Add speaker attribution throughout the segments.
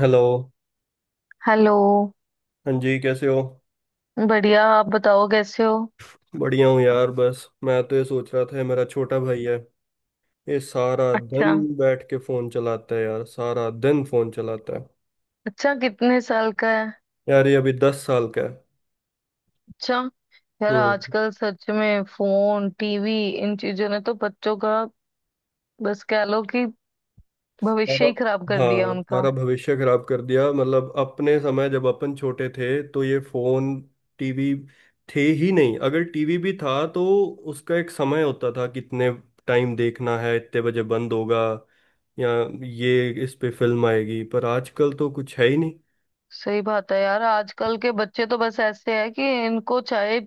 Speaker 1: Hello.
Speaker 2: Hello.
Speaker 1: हाँ जी, कैसे हो?
Speaker 2: बढ़िया, आप बताओ कैसे हो?
Speaker 1: बढ़िया हूँ यार। बस मैं तो ये सोच रहा था, ये मेरा छोटा भाई है, ये सारा
Speaker 2: अच्छा।
Speaker 1: दिन बैठ के फोन चलाता है यार, सारा दिन फोन चलाता है।
Speaker 2: अच्छा, कितने साल का है?
Speaker 1: यार ये अभी 10 साल का है।
Speaker 2: अच्छा। यार
Speaker 1: हम्म।
Speaker 2: आजकल सच में फोन टीवी इन चीजों ने तो बच्चों का, बस कह लो कि
Speaker 1: सारा,
Speaker 2: भविष्य ही खराब कर दिया
Speaker 1: हाँ
Speaker 2: उनका।
Speaker 1: सारा भविष्य खराब कर दिया। मतलब अपने समय, जब अपन छोटे थे तो ये फोन, टीवी थे ही नहीं। अगर टीवी भी था तो उसका एक समय होता था, कितने टाइम देखना है, इतने बजे बंद होगा, या ये, इस पे फिल्म आएगी। पर आजकल तो कुछ है ही नहीं।
Speaker 2: सही बात है यार, आजकल के बच्चे तो बस ऐसे हैं कि इनको चाहे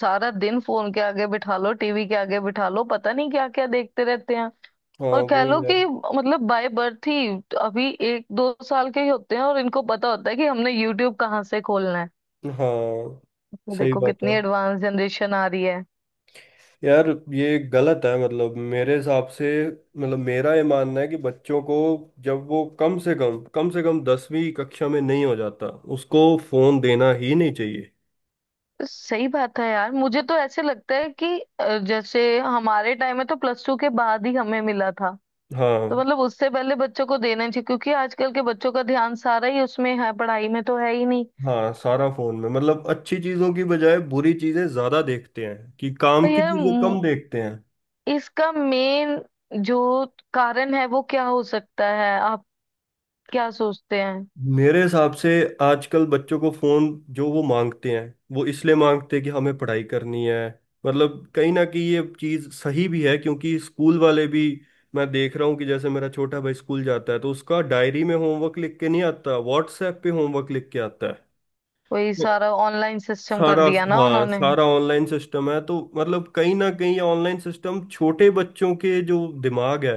Speaker 2: सारा दिन फोन के आगे बिठा लो, टीवी के आगे बिठा लो, पता नहीं क्या क्या देखते रहते हैं।
Speaker 1: हाँ
Speaker 2: और कह
Speaker 1: वो
Speaker 2: लो
Speaker 1: यार,
Speaker 2: कि मतलब बाय बर्थ ही, अभी एक दो साल के ही होते हैं और इनको पता होता है कि हमने यूट्यूब कहाँ से खोलना है।
Speaker 1: हाँ।
Speaker 2: तो
Speaker 1: सही
Speaker 2: देखो
Speaker 1: बात है
Speaker 2: कितनी एडवांस जनरेशन आ रही है।
Speaker 1: यार। ये गलत है। मतलब मेरे हिसाब से, मतलब मेरा ये मानना है कि बच्चों को, जब वो कम से कम 10वीं कक्षा में नहीं हो जाता, उसको फोन देना ही नहीं चाहिए।
Speaker 2: तो सही बात है यार, मुझे तो ऐसे लगता है कि जैसे हमारे टाइम में तो प्लस टू के बाद ही हमें मिला था। तो
Speaker 1: हाँ।
Speaker 2: मतलब उससे पहले बच्चों को देना चाहिए क्योंकि आजकल के बच्चों का ध्यान सारा ही उसमें है, पढ़ाई में तो है ही नहीं।
Speaker 1: हाँ सारा फोन में। मतलब अच्छी चीजों की बजाय बुरी चीजें ज्यादा देखते हैं, कि काम
Speaker 2: पर
Speaker 1: की
Speaker 2: यार
Speaker 1: चीजें कम देखते हैं।
Speaker 2: इसका मेन जो कारण है वो क्या हो सकता है? आप क्या सोचते हैं?
Speaker 1: मेरे हिसाब से आजकल बच्चों को फोन जो वो मांगते हैं, वो इसलिए मांगते हैं कि हमें पढ़ाई करनी है। मतलब कहीं ना कहीं ये चीज सही भी है, क्योंकि स्कूल वाले भी, मैं देख रहा हूँ कि जैसे मेरा छोटा भाई स्कूल जाता है तो उसका डायरी में होमवर्क लिख के नहीं आता, व्हाट्सएप पे होमवर्क लिख के आता है।
Speaker 2: वही
Speaker 1: तो
Speaker 2: सारा ऑनलाइन सिस्टम कर
Speaker 1: सारा,
Speaker 2: दिया ना
Speaker 1: हाँ
Speaker 2: उन्होंने। हम्म।
Speaker 1: सारा ऑनलाइन सिस्टम है। तो मतलब कहीं ना कहीं ऑनलाइन सिस्टम छोटे बच्चों के जो दिमाग है,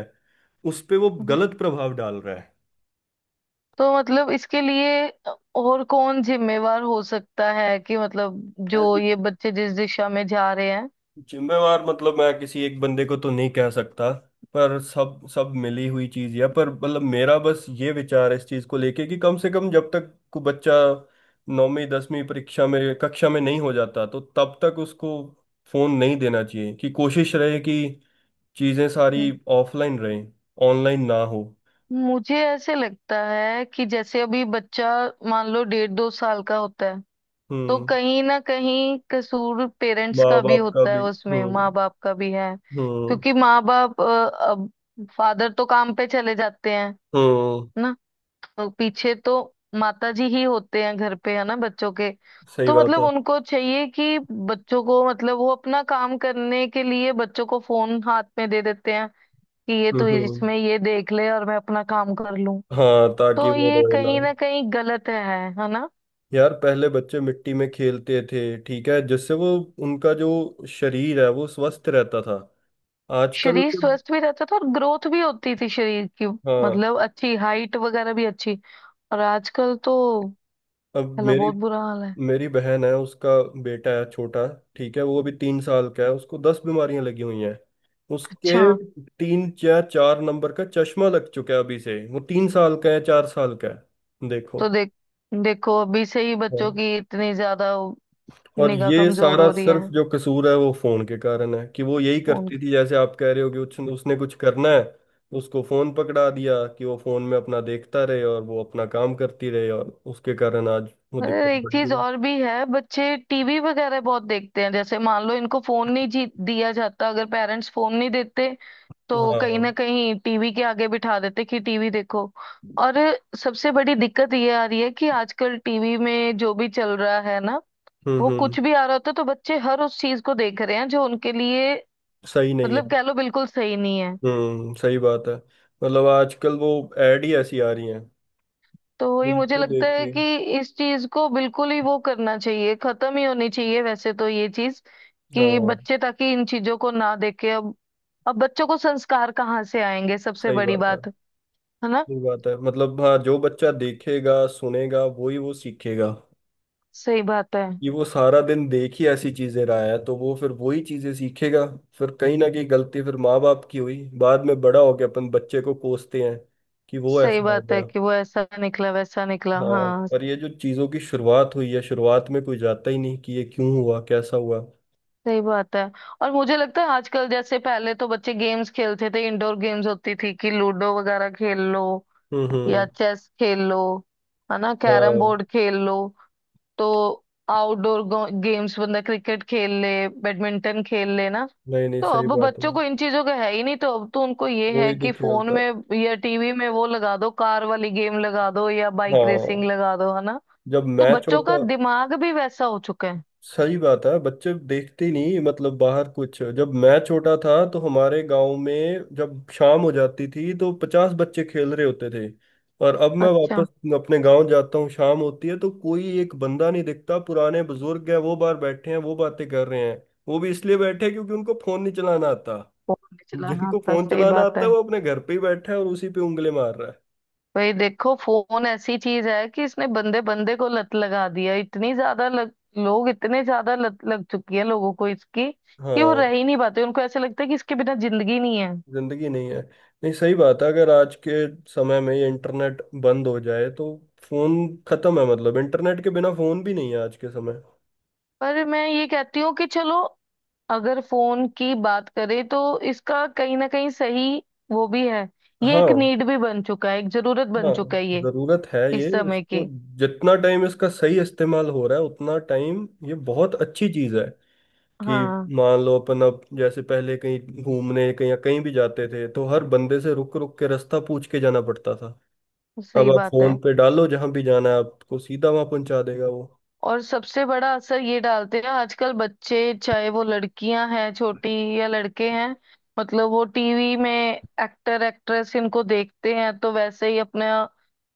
Speaker 1: उस पे वो गलत प्रभाव डाल रहा
Speaker 2: तो मतलब इसके लिए और कौन जिम्मेवार हो सकता है कि मतलब जो
Speaker 1: है।
Speaker 2: ये बच्चे जिस दिशा में जा रहे हैं।
Speaker 1: जिम्मेवार, मतलब मैं किसी एक बंदे को तो नहीं कह सकता, पर सब सब मिली हुई चीज है। पर मतलब मेरा बस ये विचार है इस चीज को लेके, कि कम से कम जब तक को बच्चा 9वीं 10वीं परीक्षा में, कक्षा में नहीं हो जाता तो तब तक उसको फोन नहीं देना चाहिए। कि कोशिश रहे कि चीजें सारी
Speaker 2: हम्म।
Speaker 1: ऑफलाइन रहें, ऑनलाइन ना हो।
Speaker 2: मुझे ऐसे लगता है कि जैसे अभी बच्चा मान लो डेढ़ दो साल का होता है, तो
Speaker 1: हम्म।
Speaker 2: कहीं ना कहीं कसूर पेरेंट्स का
Speaker 1: माँ
Speaker 2: भी
Speaker 1: बाप का
Speaker 2: होता है
Speaker 1: भी।
Speaker 2: उसमें, माँ
Speaker 1: हम्म।
Speaker 2: बाप का भी है।
Speaker 1: हम्म।
Speaker 2: क्योंकि माँ बाप अब फादर तो काम पे चले जाते हैं
Speaker 1: हम्म।
Speaker 2: ना। और पीछे तो माता जी ही होते हैं घर पे, है ना, बच्चों के।
Speaker 1: सही
Speaker 2: तो
Speaker 1: बात
Speaker 2: मतलब
Speaker 1: है।
Speaker 2: उनको चाहिए कि बच्चों को मतलब वो अपना काम करने के लिए बच्चों को फोन हाथ में दे देते हैं कि ये
Speaker 1: हम्म।
Speaker 2: तू
Speaker 1: हम्म।
Speaker 2: इसमें ये देख ले और मैं अपना काम कर लूं।
Speaker 1: हाँ, ताकि
Speaker 2: तो
Speaker 1: वो
Speaker 2: ये
Speaker 1: रोए ना।
Speaker 2: कहीं ना कहीं गलत है ना।
Speaker 1: यार पहले बच्चे मिट्टी में खेलते थे, ठीक है, जिससे वो, उनका जो शरीर है वो स्वस्थ रहता था। आजकल
Speaker 2: शरीर
Speaker 1: के,
Speaker 2: स्वस्थ भी रहता था और ग्रोथ भी होती थी शरीर की।
Speaker 1: हाँ।
Speaker 2: मतलब अच्छी हाइट वगैरह भी अच्छी। और आजकल तो
Speaker 1: अब
Speaker 2: चलो
Speaker 1: मेरी,
Speaker 2: बहुत बुरा हाल है।
Speaker 1: मेरी बहन है, उसका बेटा है छोटा, ठीक है, वो अभी 3 साल का है, उसको 10 बीमारियां लगी हुई हैं। उसके
Speaker 2: अच्छा।
Speaker 1: 3 या 4 नंबर का चश्मा लग चुका है अभी से। वो 3 साल का है, 4 साल का है, देखो।
Speaker 2: तो देखो अभी से ही
Speaker 1: हाँ।
Speaker 2: बच्चों की इतनी ज्यादा
Speaker 1: और
Speaker 2: निगाह
Speaker 1: ये
Speaker 2: कमजोर
Speaker 1: सारा
Speaker 2: हो रही
Speaker 1: सिर्फ
Speaker 2: है।
Speaker 1: जो कसूर है वो फोन के कारण है। कि वो यही
Speaker 2: फोन
Speaker 1: करती
Speaker 2: की।
Speaker 1: थी, जैसे आप कह रहे हो, कि उसने उसने कुछ करना है, उसको फोन पकड़ा दिया कि वो फोन में अपना देखता रहे और वो अपना काम करती रहे, और उसके कारण आज वो
Speaker 2: अरे
Speaker 1: दिक्कत
Speaker 2: एक
Speaker 1: बढ़
Speaker 2: चीज
Speaker 1: गई।
Speaker 2: और भी है, बच्चे टीवी वगैरह बहुत देखते हैं। जैसे मान लो इनको फोन नहीं दिया जाता। अगर पेरेंट्स फोन नहीं देते तो कहीं
Speaker 1: हाँ।
Speaker 2: ना कहीं टीवी के आगे बिठा देते कि टीवी देखो। और सबसे बड़ी दिक्कत ये आ रही है कि आजकल टीवी में जो भी चल रहा है ना,
Speaker 1: हम्म।
Speaker 2: वो
Speaker 1: हम्म।
Speaker 2: कुछ भी आ रहा होता है तो बच्चे हर उस चीज को देख रहे हैं जो उनके लिए
Speaker 1: सही नहीं है।
Speaker 2: मतलब कह लो बिल्कुल सही नहीं है।
Speaker 1: हम्म, सही बात है। मतलब आजकल वो एड ही ऐसी आ रही हैं,
Speaker 2: तो ये मुझे
Speaker 1: इनको
Speaker 2: लगता
Speaker 1: देख
Speaker 2: है
Speaker 1: के।
Speaker 2: कि इस चीज को बिल्कुल ही वो करना चाहिए, खत्म ही होनी चाहिए वैसे तो ये चीज। कि
Speaker 1: हाँ।
Speaker 2: बच्चे ताकि इन चीजों को ना देखे। अब बच्चों को संस्कार कहाँ से आएंगे, सबसे
Speaker 1: सही
Speaker 2: बड़ी
Speaker 1: बात है।
Speaker 2: बात, है ना।
Speaker 1: सही बात है। मतलब हाँ, जो बच्चा देखेगा सुनेगा वही वो सीखेगा।
Speaker 2: सही बात है।
Speaker 1: कि वो सारा दिन देख ही ऐसी चीजें रहा है, तो वो फिर वही चीजें सीखेगा। फिर कहीं ना कहीं गलती फिर माँ बाप की हुई। बाद में बड़ा हो गया, अपन बच्चे को कोसते हैं कि वो
Speaker 2: सही
Speaker 1: ऐसा हो
Speaker 2: बात है
Speaker 1: गया।
Speaker 2: कि वो ऐसा निकला वैसा निकला,
Speaker 1: हाँ,
Speaker 2: हाँ।
Speaker 1: पर ये जो चीजों की शुरुआत हुई है, शुरुआत में कोई जाता ही नहीं कि ये क्यों हुआ, कैसा हुआ।
Speaker 2: सही बात है। और मुझे लगता है आजकल जैसे पहले तो बच्चे गेम्स खेलते थे, इंडोर गेम्स होती थी कि लूडो वगैरह खेल लो,
Speaker 1: हम्म।
Speaker 2: या
Speaker 1: हम्म।
Speaker 2: चेस खेल लो, है ना, कैरम
Speaker 1: हाँ।
Speaker 2: बोर्ड खेल लो। तो आउटडोर गेम्स बंदा क्रिकेट खेल ले, बैडमिंटन खेल ले ना।
Speaker 1: नहीं नहीं,
Speaker 2: तो
Speaker 1: सही
Speaker 2: अब
Speaker 1: बात है।
Speaker 2: बच्चों को इन चीजों का है ही नहीं। तो अब तो उनको ये है
Speaker 1: कोई नहीं
Speaker 2: कि फोन
Speaker 1: खेलता।
Speaker 2: में या टीवी में वो लगा दो, कार वाली गेम लगा दो या बाइक रेसिंग
Speaker 1: हाँ,
Speaker 2: लगा दो, है ना।
Speaker 1: जब
Speaker 2: तो
Speaker 1: मैं
Speaker 2: बच्चों का
Speaker 1: छोटा,
Speaker 2: दिमाग भी वैसा हो चुका है।
Speaker 1: सही बात है, बच्चे देखते ही नहीं। मतलब बाहर कुछ, जब मैं छोटा था तो हमारे गांव में जब शाम हो जाती थी तो 50 बच्चे खेल रहे होते थे। और अब मैं
Speaker 2: अच्छा।
Speaker 1: वापस अपने गांव जाता हूँ, शाम होती है तो कोई एक बंदा नहीं दिखता। पुराने बुजुर्ग हैं, वो बाहर बैठे हैं, वो बातें कर रहे हैं। वो भी इसलिए बैठे हैं क्योंकि उनको फोन नहीं चलाना आता।
Speaker 2: फोन नहीं चलाना
Speaker 1: जिनको
Speaker 2: आता,
Speaker 1: फोन
Speaker 2: सही
Speaker 1: चलाना
Speaker 2: बात
Speaker 1: आता
Speaker 2: है।
Speaker 1: है वो अपने घर पे ही बैठा है और उसी पे उंगली मार रहा है।
Speaker 2: भाई देखो फोन ऐसी चीज है कि इसने बंदे बंदे को लत लगा दिया। इतनी ज्यादा लोग इतने ज्यादा लत लग चुकी है लोगों को इसकी कि वो
Speaker 1: हाँ,
Speaker 2: रह ही नहीं पाते। उनको ऐसे लगता है कि इसके बिना जिंदगी नहीं है।
Speaker 1: जिंदगी नहीं है। नहीं, सही बात है। अगर आज के समय में ये इंटरनेट बंद हो जाए तो फोन खत्म है। मतलब इंटरनेट के बिना फोन भी नहीं है आज के समय।
Speaker 2: पर मैं ये कहती हूँ कि चलो अगर फोन की बात करें तो इसका कहीं ना कहीं सही वो भी है। ये
Speaker 1: हाँ।
Speaker 2: एक नीड भी बन चुका है, एक जरूरत बन
Speaker 1: हाँ,
Speaker 2: चुका है ये,
Speaker 1: जरूरत है ये,
Speaker 2: इस समय
Speaker 1: इसको,
Speaker 2: की।
Speaker 1: जितना टाइम इसका सही इस्तेमाल हो रहा है उतना टाइम ये बहुत अच्छी चीज है। कि
Speaker 2: हाँ,
Speaker 1: मान लो अपन अब, जैसे पहले कहीं घूमने, कहीं कहीं भी जाते थे, तो हर बंदे से रुक रुक के रास्ता पूछ के जाना पड़ता था। अब
Speaker 2: सही
Speaker 1: आप
Speaker 2: बात
Speaker 1: फोन
Speaker 2: है।
Speaker 1: पे डालो जहां भी जाना है, आपको सीधा वहां पहुंचा देगा वो।
Speaker 2: और सबसे बड़ा असर ये डालते हैं आजकल बच्चे, चाहे वो लड़कियां हैं छोटी या लड़के हैं, मतलब वो टीवी में एक्टर एक्ट्रेस इनको देखते हैं तो वैसे ही अपने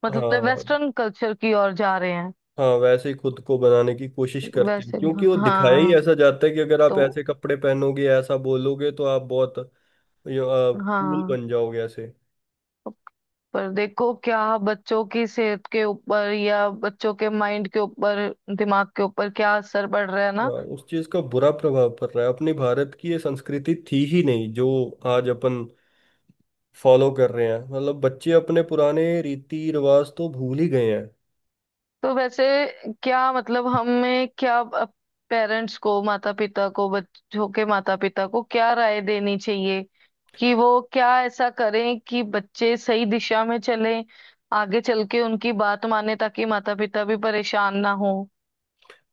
Speaker 2: मतलब
Speaker 1: हाँ।
Speaker 2: वेस्टर्न कल्चर की ओर जा रहे हैं।
Speaker 1: हाँ वैसे ही खुद को बनाने की कोशिश करते हैं,
Speaker 2: वैसे।
Speaker 1: क्योंकि वो दिखाया ही
Speaker 2: हाँ।
Speaker 1: ऐसा जाता है कि अगर आप
Speaker 2: तो
Speaker 1: ऐसे कपड़े पहनोगे, ऐसा बोलोगे तो आप बहुत कूल
Speaker 2: हाँ।
Speaker 1: बन जाओगे ऐसे।
Speaker 2: पर देखो क्या बच्चों की सेहत के ऊपर या बच्चों के माइंड के ऊपर दिमाग के ऊपर क्या असर पड़ रहा है ना।
Speaker 1: हाँ, उस चीज का बुरा प्रभाव पड़ रहा है। अपने भारत की ये संस्कृति थी ही नहीं जो आज अपन फॉलो कर रहे हैं। मतलब बच्चे अपने पुराने रीति रिवाज तो भूल ही गए हैं।
Speaker 2: तो वैसे क्या मतलब हमें क्या पेरेंट्स को माता पिता को बच्चों के माता पिता को क्या राय देनी चाहिए कि वो क्या ऐसा करें कि बच्चे सही दिशा में चलें, आगे चल के उनकी बात माने ताकि माता पिता भी परेशान ना हो।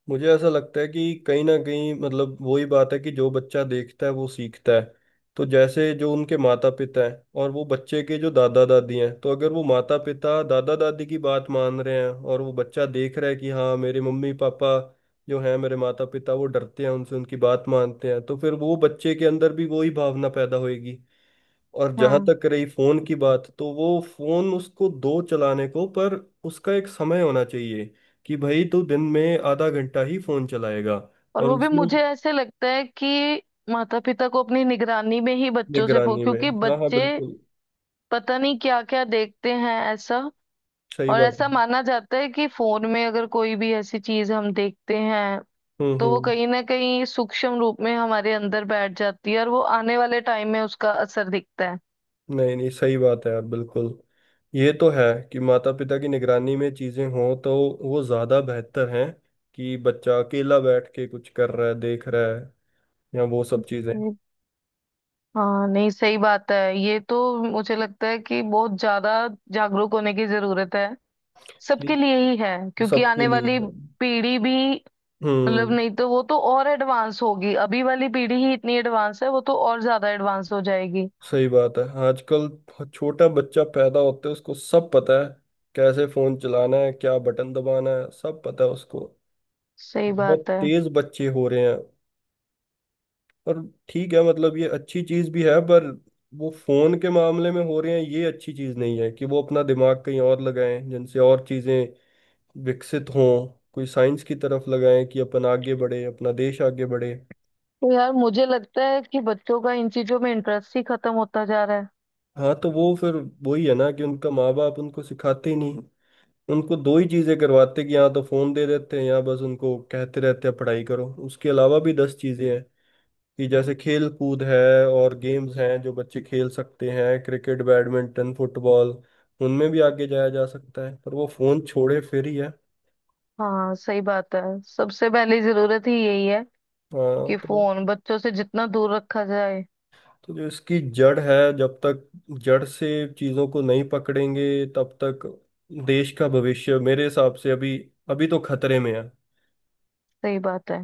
Speaker 1: मुझे ऐसा लगता है कि कहीं ना कहीं, मतलब वही बात है, कि जो बच्चा देखता है वो सीखता है। तो जैसे जो उनके माता पिता हैं और वो बच्चे के जो दादा दादी हैं, तो अगर वो माता पिता दादा दादी की बात मान रहे हैं और वो बच्चा देख रहा है कि हाँ मेरे मम्मी पापा जो हैं, मेरे माता पिता, वो डरते हैं उनसे, उनकी बात मानते हैं, तो फिर वो बच्चे के अंदर भी वही भावना पैदा होगी। और जहां
Speaker 2: हाँ।
Speaker 1: तक रही फोन की बात, तो वो फोन उसको दो चलाने को, पर उसका एक समय होना चाहिए। कि भाई तू दिन में आधा घंटा ही फोन चलाएगा।
Speaker 2: और
Speaker 1: और
Speaker 2: वो भी
Speaker 1: उसमें,
Speaker 2: मुझे ऐसे लगता है कि माता पिता को अपनी निगरानी में ही बच्चों से फो
Speaker 1: निगरानी में,
Speaker 2: क्योंकि
Speaker 1: हाँ हाँ,
Speaker 2: बच्चे
Speaker 1: बिल्कुल
Speaker 2: पता नहीं क्या क्या देखते हैं ऐसा।
Speaker 1: सही
Speaker 2: और
Speaker 1: बात
Speaker 2: ऐसा
Speaker 1: है।
Speaker 2: माना जाता है कि फोन में अगर कोई भी ऐसी चीज हम देखते हैं
Speaker 1: हम्म।
Speaker 2: तो वो
Speaker 1: हम्म।
Speaker 2: कहीं ना कहीं सूक्ष्म रूप में हमारे अंदर बैठ जाती है और वो आने वाले टाइम में उसका असर दिखता है।
Speaker 1: नहीं नहीं, सही बात है यार, बिल्कुल। ये तो है, कि माता पिता की निगरानी में चीजें हों तो वो ज्यादा बेहतर हैं, कि बच्चा अकेला बैठ के कुछ कर रहा है, देख रहा है, या वो सब चीजें।
Speaker 2: हम्म, हाँ, नहीं, सही बात है ये तो। मुझे लगता है कि बहुत ज्यादा जागरूक होने की जरूरत है, सबके
Speaker 1: कि
Speaker 2: लिए ही है, क्योंकि
Speaker 1: सबके
Speaker 2: आने
Speaker 1: लिए।
Speaker 2: वाली पीढ़ी भी मतलब
Speaker 1: हम्म।
Speaker 2: नहीं तो वो तो और एडवांस होगी। अभी वाली पीढ़ी ही इतनी एडवांस है, वो तो और ज्यादा एडवांस हो जाएगी।
Speaker 1: सही बात है। आजकल छोटा बच्चा पैदा होते है उसको सब पता है, कैसे फोन चलाना है, क्या बटन दबाना है, सब पता है उसको।
Speaker 2: सही
Speaker 1: बहुत
Speaker 2: बात है।
Speaker 1: तेज बच्चे हो रहे हैं। और ठीक है, मतलब ये अच्छी चीज भी है, पर वो फोन के मामले में हो रहे हैं, ये अच्छी चीज नहीं है। कि वो अपना दिमाग कहीं और लगाएं जिनसे और चीजें विकसित हों, कोई साइंस की तरफ लगाएं कि अपन आगे बढ़े, अपना देश आगे बढ़े।
Speaker 2: तो यार मुझे लगता है कि बच्चों का इन चीजों में इंटरेस्ट ही खत्म होता जा रहा है।
Speaker 1: हाँ, तो वो फिर वही है ना, कि उनका माँ बाप उनको सिखाते ही नहीं। उनको दो ही चीजें करवाते, कि या तो फोन दे देते हैं, या बस उनको कहते रहते हैं पढ़ाई करो। उसके अलावा भी 10 चीजें हैं, कि जैसे खेल कूद है, और गेम्स हैं जो बच्चे खेल सकते हैं, क्रिकेट, बैडमिंटन, फुटबॉल, उनमें भी आगे जाया जा सकता है, पर वो फोन छोड़े फिर ही है।
Speaker 2: हाँ सही बात है। सबसे पहली जरूरत ही यही है
Speaker 1: हाँ,
Speaker 2: कि
Speaker 1: तो
Speaker 2: फोन बच्चों से जितना दूर रखा जाए।
Speaker 1: तो जो इसकी जड़ है, जब तक जड़ से चीजों को नहीं पकड़ेंगे तब तक देश का भविष्य मेरे हिसाब से अभी, अभी तो खतरे में है।
Speaker 2: सही बात है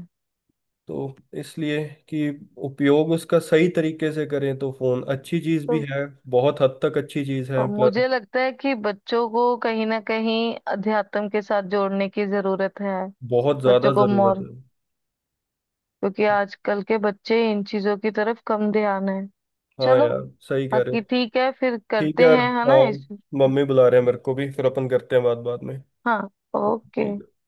Speaker 1: तो इसलिए, कि उपयोग उसका सही तरीके से करें तो फोन अच्छी चीज भी
Speaker 2: तो
Speaker 1: है, बहुत हद तक अच्छी चीज है, पर
Speaker 2: मुझे लगता है कि बच्चों को कहीं ना कहीं अध्यात्म के साथ जोड़ने की जरूरत है।
Speaker 1: बहुत
Speaker 2: बच्चों
Speaker 1: ज्यादा
Speaker 2: को
Speaker 1: जरूरत
Speaker 2: मोर
Speaker 1: है।
Speaker 2: क्योंकि आजकल के बच्चे इन चीजों की तरफ कम ध्यान है।
Speaker 1: हाँ
Speaker 2: चलो
Speaker 1: यार, सही कह रहे हो।
Speaker 2: बाकी ठीक है फिर
Speaker 1: ठीक है
Speaker 2: करते
Speaker 1: यार।
Speaker 2: हैं है ना
Speaker 1: हाँ
Speaker 2: इस।
Speaker 1: मम्मी बुला रहे हैं मेरे को भी, फिर अपन करते हैं बात बाद में।
Speaker 2: हाँ। ओके।
Speaker 1: ठीक है।